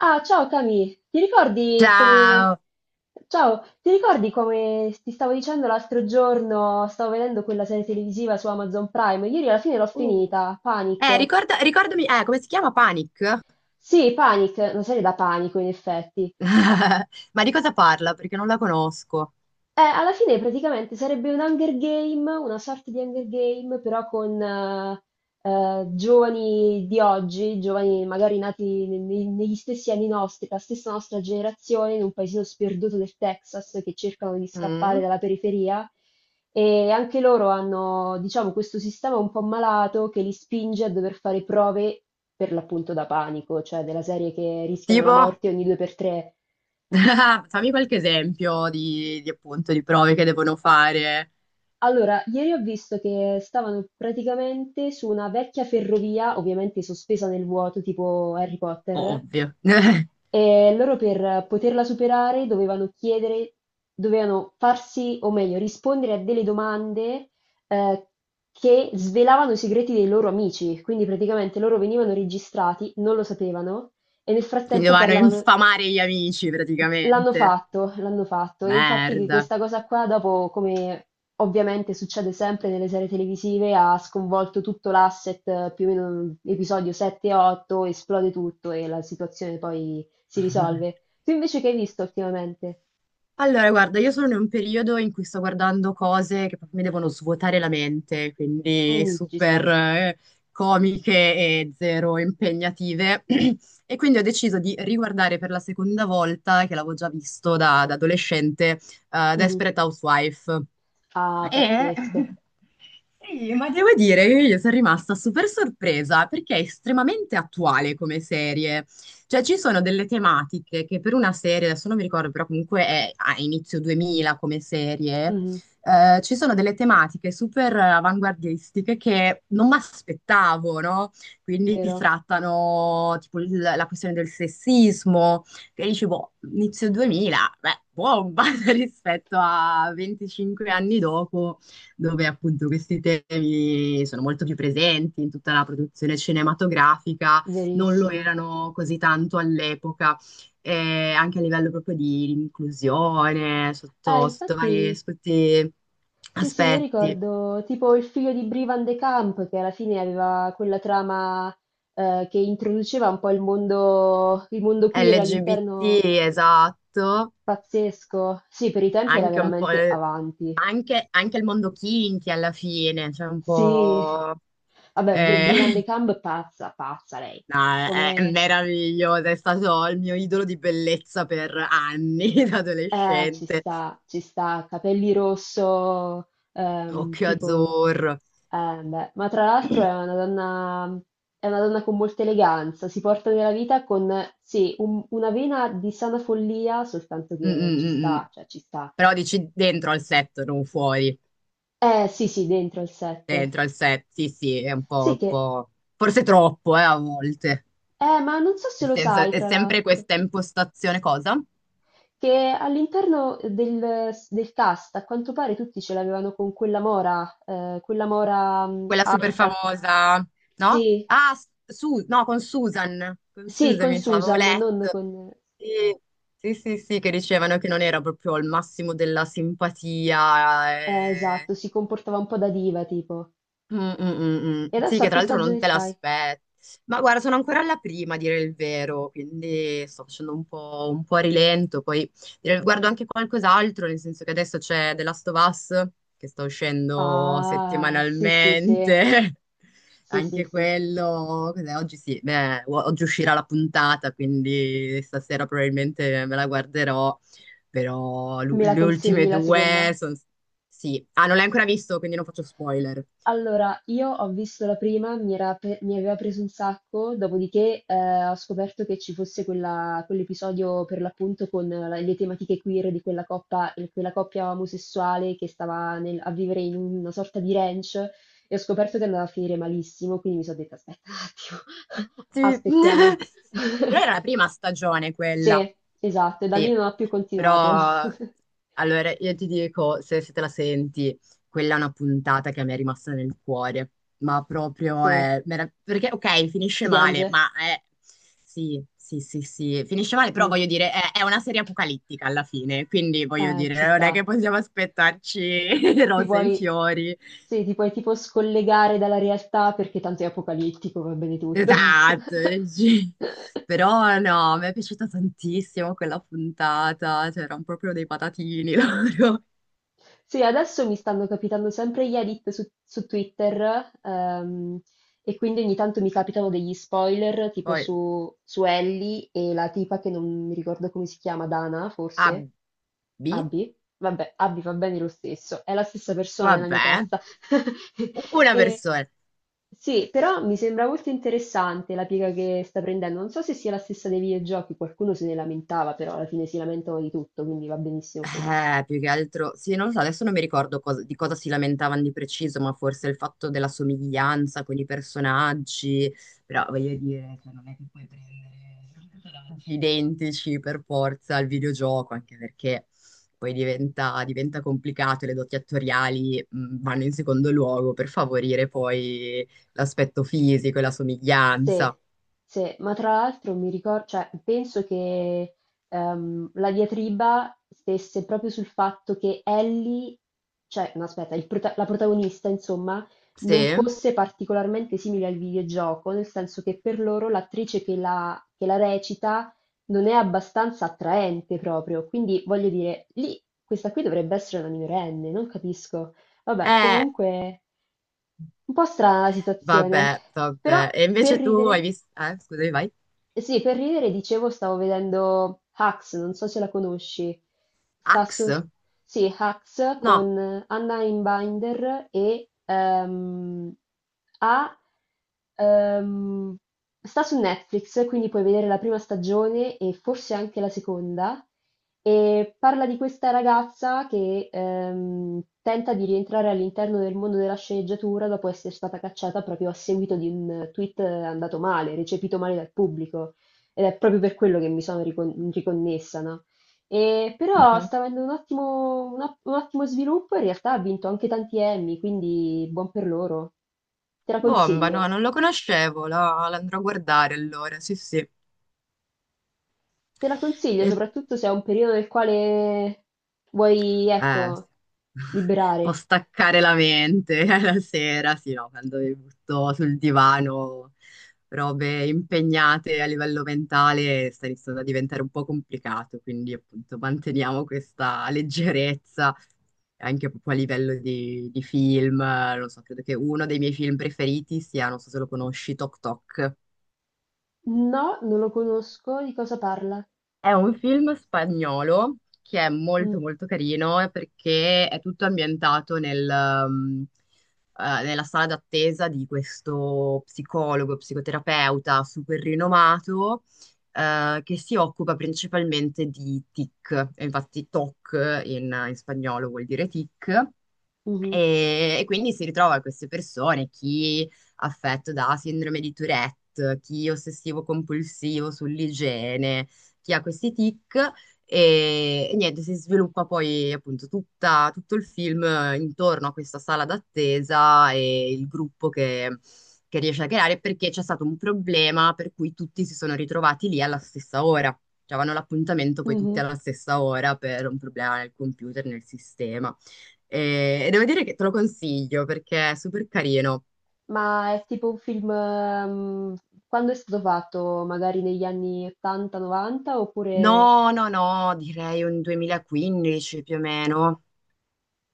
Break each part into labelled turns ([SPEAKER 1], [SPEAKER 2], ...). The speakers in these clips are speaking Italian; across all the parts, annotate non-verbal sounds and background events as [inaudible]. [SPEAKER 1] Ah, ciao Cami, ti ricordi come...
[SPEAKER 2] Ciao.
[SPEAKER 1] Ciao, ti ricordi come ti stavo dicendo l'altro giorno, stavo vedendo quella serie televisiva su Amazon Prime, ieri alla fine l'ho
[SPEAKER 2] Oh,
[SPEAKER 1] finita, Panic.
[SPEAKER 2] Ricordami, come si chiama Panic?
[SPEAKER 1] Sì, Panic, una serie da panico in effetti.
[SPEAKER 2] [laughs] Ma di cosa parla? Perché non la conosco.
[SPEAKER 1] Alla fine praticamente sarebbe un Hunger Game, una sorta di Hunger Game, però con giovani di oggi, giovani magari nati negli stessi anni nostri, la stessa nostra generazione, in un paesino sperduto del Texas che cercano di scappare
[SPEAKER 2] Mm?
[SPEAKER 1] dalla periferia. E anche loro hanno, diciamo, questo sistema un po' malato che li spinge a dover fare prove per l'appunto da panico, cioè della serie che rischiano la
[SPEAKER 2] Tipo,
[SPEAKER 1] morte ogni due per tre.
[SPEAKER 2] [laughs] fammi qualche esempio di appunto di prove che devono fare.
[SPEAKER 1] Allora, ieri ho visto che stavano praticamente su una vecchia ferrovia, ovviamente sospesa nel vuoto, tipo Harry Potter,
[SPEAKER 2] Ovvio. [laughs]
[SPEAKER 1] e loro per poterla superare dovevano chiedere, dovevano farsi, o meglio, rispondere a delle domande eh, che svelavano i segreti dei loro amici. Quindi praticamente loro venivano registrati, non lo sapevano, e nel
[SPEAKER 2] Quindi
[SPEAKER 1] frattempo
[SPEAKER 2] vanno a
[SPEAKER 1] parlavano.
[SPEAKER 2] infamare gli amici praticamente.
[SPEAKER 1] L'hanno fatto e infatti
[SPEAKER 2] Merda.
[SPEAKER 1] questa cosa qua dopo, come ovviamente succede sempre nelle serie televisive, ha sconvolto tutto l'asset, più o meno episodio 7 e 8, esplode tutto e la situazione poi si risolve.
[SPEAKER 2] [laughs]
[SPEAKER 1] Tu invece che hai visto ultimamente?
[SPEAKER 2] Allora, guarda, io sono in un periodo in cui sto guardando cose che proprio mi devono svuotare la mente, quindi
[SPEAKER 1] Mm, ci sta.
[SPEAKER 2] super comiche e zero impegnative. [clears throat] E quindi ho deciso di riguardare per la seconda volta, che l'avevo già visto da adolescente,
[SPEAKER 1] Mhm.
[SPEAKER 2] Desperate Housewife.
[SPEAKER 1] Ah,
[SPEAKER 2] E
[SPEAKER 1] pazzesco.
[SPEAKER 2] [laughs] sì, ma devo dire che io sono rimasta super sorpresa perché è estremamente attuale come serie. Cioè, ci sono delle tematiche che per una serie, adesso non mi ricordo, però comunque è a inizio 2000 come serie,
[SPEAKER 1] Mhm.
[SPEAKER 2] ci sono delle tematiche super avanguardistiche che non mi aspettavo, no? Quindi si
[SPEAKER 1] Vero,
[SPEAKER 2] trattano tipo la questione del sessismo, che dici, boh, inizio 2000, beh, bomba [laughs] rispetto a 25 anni dopo, dove appunto questi temi sono molto più presenti in tutta la produzione cinematografica non lo
[SPEAKER 1] verissimo.
[SPEAKER 2] erano così tanto all'epoca, anche a livello proprio di inclusione,
[SPEAKER 1] Ah,
[SPEAKER 2] sotto vari
[SPEAKER 1] infatti...
[SPEAKER 2] sotto
[SPEAKER 1] Sì, sì, io
[SPEAKER 2] aspetti.
[SPEAKER 1] ricordo tipo il figlio di Brie Van de Camp che alla fine aveva quella trama che introduceva un po' il mondo queer
[SPEAKER 2] LGBT,
[SPEAKER 1] all'interno
[SPEAKER 2] esatto,
[SPEAKER 1] pazzesco. Sì, per i tempi era
[SPEAKER 2] anche un po',
[SPEAKER 1] veramente avanti.
[SPEAKER 2] anche il mondo kinky alla fine, cioè un
[SPEAKER 1] Sì,
[SPEAKER 2] po'...
[SPEAKER 1] vabbè,
[SPEAKER 2] eh,
[SPEAKER 1] Brie Van de
[SPEAKER 2] [laughs]
[SPEAKER 1] Camp pazza, pazza lei.
[SPEAKER 2] no, è
[SPEAKER 1] Come
[SPEAKER 2] meraviglioso, è stato il mio idolo di bellezza per anni [laughs] da
[SPEAKER 1] eh,
[SPEAKER 2] adolescente,
[SPEAKER 1] ci sta, capelli rosso,
[SPEAKER 2] occhio
[SPEAKER 1] tipo.
[SPEAKER 2] azzurro.
[SPEAKER 1] Beh, ma tra l'altro è una donna con molta eleganza, si porta nella vita con, sì, una vena di sana follia, soltanto
[SPEAKER 2] Mm,
[SPEAKER 1] che
[SPEAKER 2] mm,
[SPEAKER 1] ci
[SPEAKER 2] mm, mm.
[SPEAKER 1] sta, cioè ci sta.
[SPEAKER 2] Però dici dentro al set, non fuori.
[SPEAKER 1] Sì, sì, dentro al set.
[SPEAKER 2] Dentro al set, sì, sì, è un
[SPEAKER 1] Sì
[SPEAKER 2] po', un
[SPEAKER 1] che,
[SPEAKER 2] po'... Forse troppo, a volte.
[SPEAKER 1] ma non so se
[SPEAKER 2] Nel
[SPEAKER 1] lo
[SPEAKER 2] senso,
[SPEAKER 1] sai,
[SPEAKER 2] è
[SPEAKER 1] tra
[SPEAKER 2] sempre
[SPEAKER 1] l'altro,
[SPEAKER 2] questa impostazione, cosa?
[SPEAKER 1] che all'interno del, del cast, a quanto pare tutti ce l'avevano con quella mora,
[SPEAKER 2] Quella super
[SPEAKER 1] alta.
[SPEAKER 2] famosa, no?
[SPEAKER 1] Sì,
[SPEAKER 2] Ah, no, con Susan. Con
[SPEAKER 1] sì,
[SPEAKER 2] Susan,
[SPEAKER 1] con
[SPEAKER 2] mi sa, avevo
[SPEAKER 1] Susan, non
[SPEAKER 2] letto.
[SPEAKER 1] con...
[SPEAKER 2] Sì, sì, sì, sì, che dicevano che non era proprio al massimo della simpatia. Eh.
[SPEAKER 1] Esatto, si comportava un po' da diva, tipo.
[SPEAKER 2] Mm, mm, mm, mm.
[SPEAKER 1] E
[SPEAKER 2] Sì,
[SPEAKER 1] adesso
[SPEAKER 2] che
[SPEAKER 1] a
[SPEAKER 2] tra
[SPEAKER 1] che
[SPEAKER 2] l'altro non
[SPEAKER 1] stagione
[SPEAKER 2] te
[SPEAKER 1] stai?
[SPEAKER 2] l'aspetti. Ma guarda, sono ancora alla prima a dire il vero, quindi sto facendo un po' a rilento. Poi guardo anche qualcos'altro, nel senso che adesso c'è The Last of Us, che sta uscendo
[SPEAKER 1] Ah, sì, sì, sì,
[SPEAKER 2] settimanalmente. [laughs]
[SPEAKER 1] sì, sì,
[SPEAKER 2] Anche
[SPEAKER 1] sì.
[SPEAKER 2] quello, cos'è? Oggi sì, beh, oggi uscirà la puntata, quindi stasera probabilmente me la guarderò, però
[SPEAKER 1] Me la
[SPEAKER 2] le
[SPEAKER 1] consigli
[SPEAKER 2] ultime
[SPEAKER 1] la seconda?
[SPEAKER 2] due sono... Sì, ah, non l'hai ancora visto, quindi non faccio spoiler.
[SPEAKER 1] Allora, io ho visto la prima, mi aveva preso un sacco, dopodiché ho scoperto che ci fosse quell'episodio per l'appunto con le tematiche queer di quella coppia omosessuale che stava a vivere in una sorta di ranch e ho scoperto che andava a finire malissimo, quindi mi sono detta aspetta un attimo, [laughs]
[SPEAKER 2] Sì.
[SPEAKER 1] aspettiamo.
[SPEAKER 2] [laughs] Però era la
[SPEAKER 1] [laughs]
[SPEAKER 2] prima stagione quella,
[SPEAKER 1] Sì, esatto, e da lì
[SPEAKER 2] sì.
[SPEAKER 1] non ho più continuato.
[SPEAKER 2] Però,
[SPEAKER 1] [laughs]
[SPEAKER 2] allora, io ti dico, se te la senti, quella è una puntata che mi è rimasta nel cuore. Ma proprio
[SPEAKER 1] Sì,
[SPEAKER 2] è... Perché, ok, finisce
[SPEAKER 1] si
[SPEAKER 2] male,
[SPEAKER 1] piange?
[SPEAKER 2] ma è... Sì, sì, sì, sì. Finisce male, però
[SPEAKER 1] Mh.
[SPEAKER 2] voglio dire, è una serie apocalittica alla fine. Quindi, voglio
[SPEAKER 1] Ci
[SPEAKER 2] dire, non è
[SPEAKER 1] sta.
[SPEAKER 2] che possiamo aspettarci [laughs]
[SPEAKER 1] Ti
[SPEAKER 2] rose e
[SPEAKER 1] puoi
[SPEAKER 2] fiori.
[SPEAKER 1] sì, ti puoi tipo scollegare dalla realtà perché tanto è apocalittico, va bene tutto.
[SPEAKER 2] Esatto,
[SPEAKER 1] [laughs]
[SPEAKER 2] sì. Però no, mi è piaciuta tantissimo quella puntata, c'erano proprio dei patatini [laughs] loro.
[SPEAKER 1] Sì, adesso mi stanno capitando sempre gli edit su, su Twitter, e quindi ogni tanto mi capitano degli spoiler, tipo
[SPEAKER 2] Poi
[SPEAKER 1] su, su Ellie e la tipa che non mi ricordo come si chiama, Dana,
[SPEAKER 2] A,
[SPEAKER 1] forse.
[SPEAKER 2] B,
[SPEAKER 1] Abby? Vabbè, Abby va bene lo stesso, è la stessa persona nella mia
[SPEAKER 2] vabbè,
[SPEAKER 1] testa. [laughs]
[SPEAKER 2] una
[SPEAKER 1] E-
[SPEAKER 2] persona.
[SPEAKER 1] sì, però mi sembra molto interessante la piega che sta prendendo. Non so se sia la stessa dei videogiochi, qualcuno se ne lamentava, però alla fine si lamentano di tutto, quindi va benissimo così.
[SPEAKER 2] Più che altro, sì, non lo so, adesso non mi ricordo di cosa si lamentavano di preciso, ma forse il fatto della somiglianza con i personaggi, però voglio dire, cioè, non è che puoi prendere personaggi identici per forza al videogioco, anche perché poi diventa complicato e le doti attoriali vanno in secondo luogo per favorire poi l'aspetto fisico e la
[SPEAKER 1] Sì,
[SPEAKER 2] somiglianza.
[SPEAKER 1] sì, ma tra l'altro mi ricor cioè penso che, la diatriba stesse proprio sul fatto che Ellie, cioè no aspetta, la protagonista insomma, non
[SPEAKER 2] Sì?
[SPEAKER 1] fosse particolarmente simile al videogioco, nel senso che per loro l'attrice che la recita non è abbastanza attraente proprio, quindi voglio dire, lì questa qui dovrebbe essere una minorenne, non capisco. Vabbè,
[SPEAKER 2] Eh,
[SPEAKER 1] comunque un po' strana la situazione,
[SPEAKER 2] vabbè,
[SPEAKER 1] però
[SPEAKER 2] vabbè. E
[SPEAKER 1] per
[SPEAKER 2] invece tu hai
[SPEAKER 1] ridere...
[SPEAKER 2] visto... scusami, vai.
[SPEAKER 1] Eh sì, per ridere, dicevo, stavo vedendo Hacks, non so se la conosci. Sta su...
[SPEAKER 2] Axe?
[SPEAKER 1] Sì, Hacks
[SPEAKER 2] No,
[SPEAKER 1] con Anna Einbinder e ha, ehm, sta su Netflix, quindi puoi vedere la prima stagione e forse anche la seconda. E parla di questa ragazza che tenta di rientrare all'interno del mondo della sceneggiatura dopo essere stata cacciata proprio a seguito di un tweet andato male, recepito male dal pubblico. Ed è proprio per quello che riconnessa, no? E però
[SPEAKER 2] mhm.
[SPEAKER 1] sta avendo un ottimo sviluppo e in realtà ha vinto anche tanti Emmy, quindi buon per loro. Te la
[SPEAKER 2] Bomba, no,
[SPEAKER 1] consiglio.
[SPEAKER 2] non lo conoscevo, l'andrò a guardare allora, sì, sì.
[SPEAKER 1] Te la consiglio,
[SPEAKER 2] E,
[SPEAKER 1] soprattutto se è un periodo nel quale vuoi,
[SPEAKER 2] sì.
[SPEAKER 1] ecco,
[SPEAKER 2] [laughs] Può
[SPEAKER 1] liberare.
[SPEAKER 2] staccare la mente [laughs] la sera, sì, no, quando mi butto sul divano, robe impegnate a livello mentale, sta iniziando a diventare un po' complicato, quindi appunto manteniamo questa leggerezza anche proprio a livello di film, non so, credo che uno dei miei film preferiti sia, non so se lo conosci, Tok Tok.
[SPEAKER 1] No, non lo conosco. Di cosa parla?
[SPEAKER 2] È un film spagnolo che è
[SPEAKER 1] Mh,
[SPEAKER 2] molto molto carino, perché è tutto ambientato um, nella sala d'attesa di questo psicologo, psicoterapeuta super rinomato, che si occupa principalmente di TIC, e infatti TOC in spagnolo vuol dire TIC.
[SPEAKER 1] mh-mh,
[SPEAKER 2] E quindi si ritrova queste persone, chi affetto da sindrome di Tourette, chi ossessivo compulsivo sull'igiene, chi ha questi tic e niente, si sviluppa poi appunto tutto il film intorno a questa sala d'attesa e il gruppo che riesce a creare perché c'è stato un problema per cui tutti si sono ritrovati lì alla stessa ora. Cioè, avevano l'appuntamento poi tutti
[SPEAKER 1] mh-mh.
[SPEAKER 2] alla stessa ora per un problema nel computer, nel sistema. E devo dire che te lo consiglio perché è super carino.
[SPEAKER 1] Ma è tipo un film, quando è stato fatto? Magari negli anni 80, 90 oppure
[SPEAKER 2] No, no, no, direi un 2015 più o meno.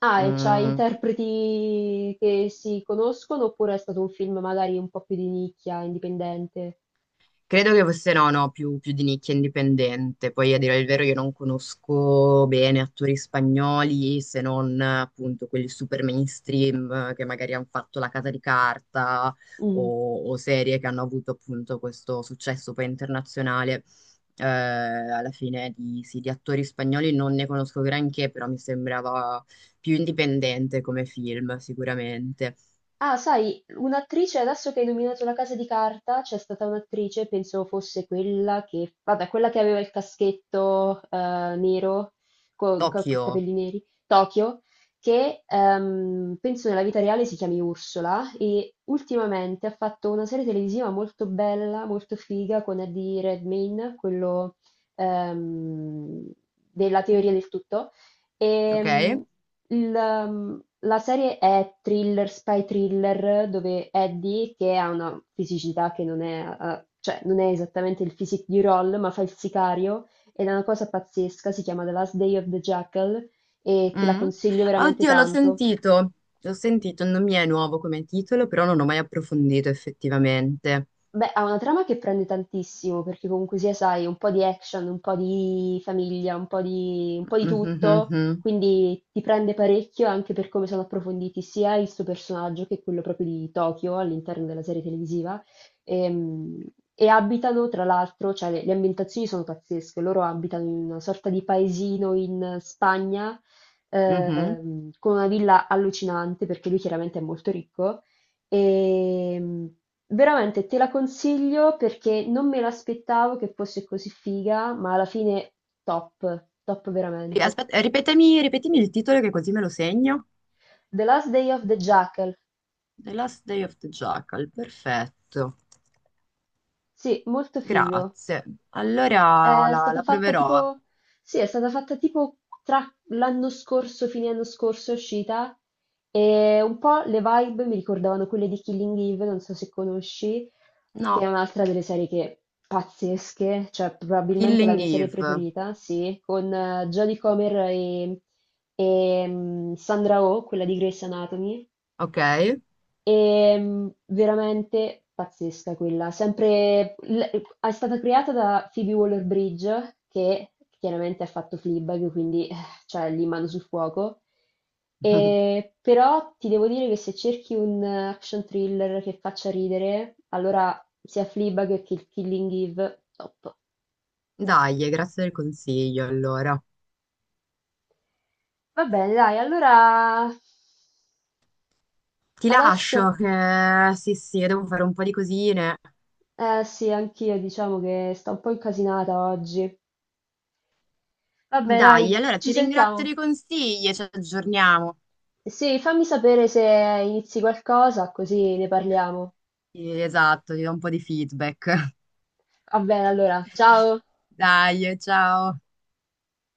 [SPEAKER 1] ah, e c'ha
[SPEAKER 2] Mm.
[SPEAKER 1] interpreti che si conoscono, oppure è stato un film magari un po' più di nicchia, indipendente?
[SPEAKER 2] Credo che fosse no, no, più di nicchia indipendente. Poi a dire il vero io non conosco bene attori spagnoli se non appunto quelli super mainstream, che magari hanno fatto La Casa di Carta
[SPEAKER 1] Mh-mh.
[SPEAKER 2] o serie che hanno avuto appunto questo successo poi internazionale. Alla fine di, sì, di attori spagnoli non ne conosco granché, però mi sembrava più indipendente come film sicuramente.
[SPEAKER 1] Ah, sai, un'attrice, adesso che hai nominato La Casa di Carta, c'è stata un'attrice, penso fosse quella che, vabbè, quella che aveva il caschetto nero, con
[SPEAKER 2] Tokyo,
[SPEAKER 1] capelli neri, Tokyo, che penso nella vita reale si chiami Ursula e ultimamente ha fatto una serie televisiva molto bella, molto figa con Eddie Redmayne, quello ehm, della teoria del tutto. E,
[SPEAKER 2] ok?
[SPEAKER 1] il, la serie è thriller, spy thriller, dove Eddie, che ha una fisicità che non è, cioè non è esattamente il physique di Roll, ma fa il sicario ed è una cosa pazzesca, si chiama The Last Day of the Jackal e te la
[SPEAKER 2] Mm.
[SPEAKER 1] consiglio veramente
[SPEAKER 2] Oddio,
[SPEAKER 1] tanto.
[SPEAKER 2] l'ho sentito, non mi è nuovo come titolo, però non ho mai approfondito effettivamente.
[SPEAKER 1] Beh, ha una trama che prende tantissimo, perché comunque sia, sai, un po' di action, un po' di famiglia, un po' di tutto,
[SPEAKER 2] Mhm,
[SPEAKER 1] quindi ti prende parecchio anche per come sono approfonditi sia il suo personaggio che quello proprio di Tokyo all'interno della serie televisiva. Ehm, E, abitano, tra l'altro, cioè le ambientazioni sono pazzesche, loro abitano in una sorta di paesino in Spagna,
[SPEAKER 2] mhm.
[SPEAKER 1] con una villa allucinante, perché lui chiaramente è molto ricco. Ehm, veramente te la consiglio perché non me l'aspettavo che fosse così figa, ma alla fine top, top
[SPEAKER 2] Sì,
[SPEAKER 1] veramente.
[SPEAKER 2] aspetta, ripetimi il titolo che così me lo segno.
[SPEAKER 1] The Last Day of the Jackal.
[SPEAKER 2] The Last Day of the Jackal, perfetto.
[SPEAKER 1] Sì, molto figo.
[SPEAKER 2] Grazie. Allora
[SPEAKER 1] È stata
[SPEAKER 2] la
[SPEAKER 1] fatta
[SPEAKER 2] proverò.
[SPEAKER 1] tipo, sì, è stata fatta tipo tra l'anno scorso, fine anno scorso è uscita e un po' le vibe mi ricordavano quelle di Killing Eve, non so se conosci, che è
[SPEAKER 2] No,
[SPEAKER 1] un'altra delle serie che pazzesche, cioè probabilmente la
[SPEAKER 2] Killing
[SPEAKER 1] mia serie
[SPEAKER 2] Eve,
[SPEAKER 1] preferita, sì, con Jodie Comer e, Sandra Oh, quella di Grey's Anatomy.
[SPEAKER 2] ok?
[SPEAKER 1] E, veramente pazzesca quella. Sempre, è stata creata da Phoebe Waller-Bridge, che chiaramente ha fatto Fleabag, quindi cioè, lì mano sul fuoco.
[SPEAKER 2] [laughs]
[SPEAKER 1] E, però ti devo dire che se cerchi un action thriller che faccia ridere, allora sia Fleabag che Killing Eve, top.
[SPEAKER 2] Dai, grazie del consiglio, allora.
[SPEAKER 1] Va bene, dai, allora
[SPEAKER 2] Ti lascio
[SPEAKER 1] adesso...
[SPEAKER 2] che sì, sì, devo fare un po' di cosine.
[SPEAKER 1] Eh sì, anch'io diciamo che sto un po' incasinata oggi. Vabbè,
[SPEAKER 2] Dai,
[SPEAKER 1] dai,
[SPEAKER 2] allora ti
[SPEAKER 1] ci
[SPEAKER 2] ringrazio
[SPEAKER 1] sentiamo.
[SPEAKER 2] dei consigli e ci aggiorniamo.
[SPEAKER 1] Sì, fammi sapere se inizi qualcosa, così ne parliamo.
[SPEAKER 2] Sì, esatto, ti do un po' di feedback.
[SPEAKER 1] Va bene, allora, ciao!
[SPEAKER 2] [laughs] Dai, ciao.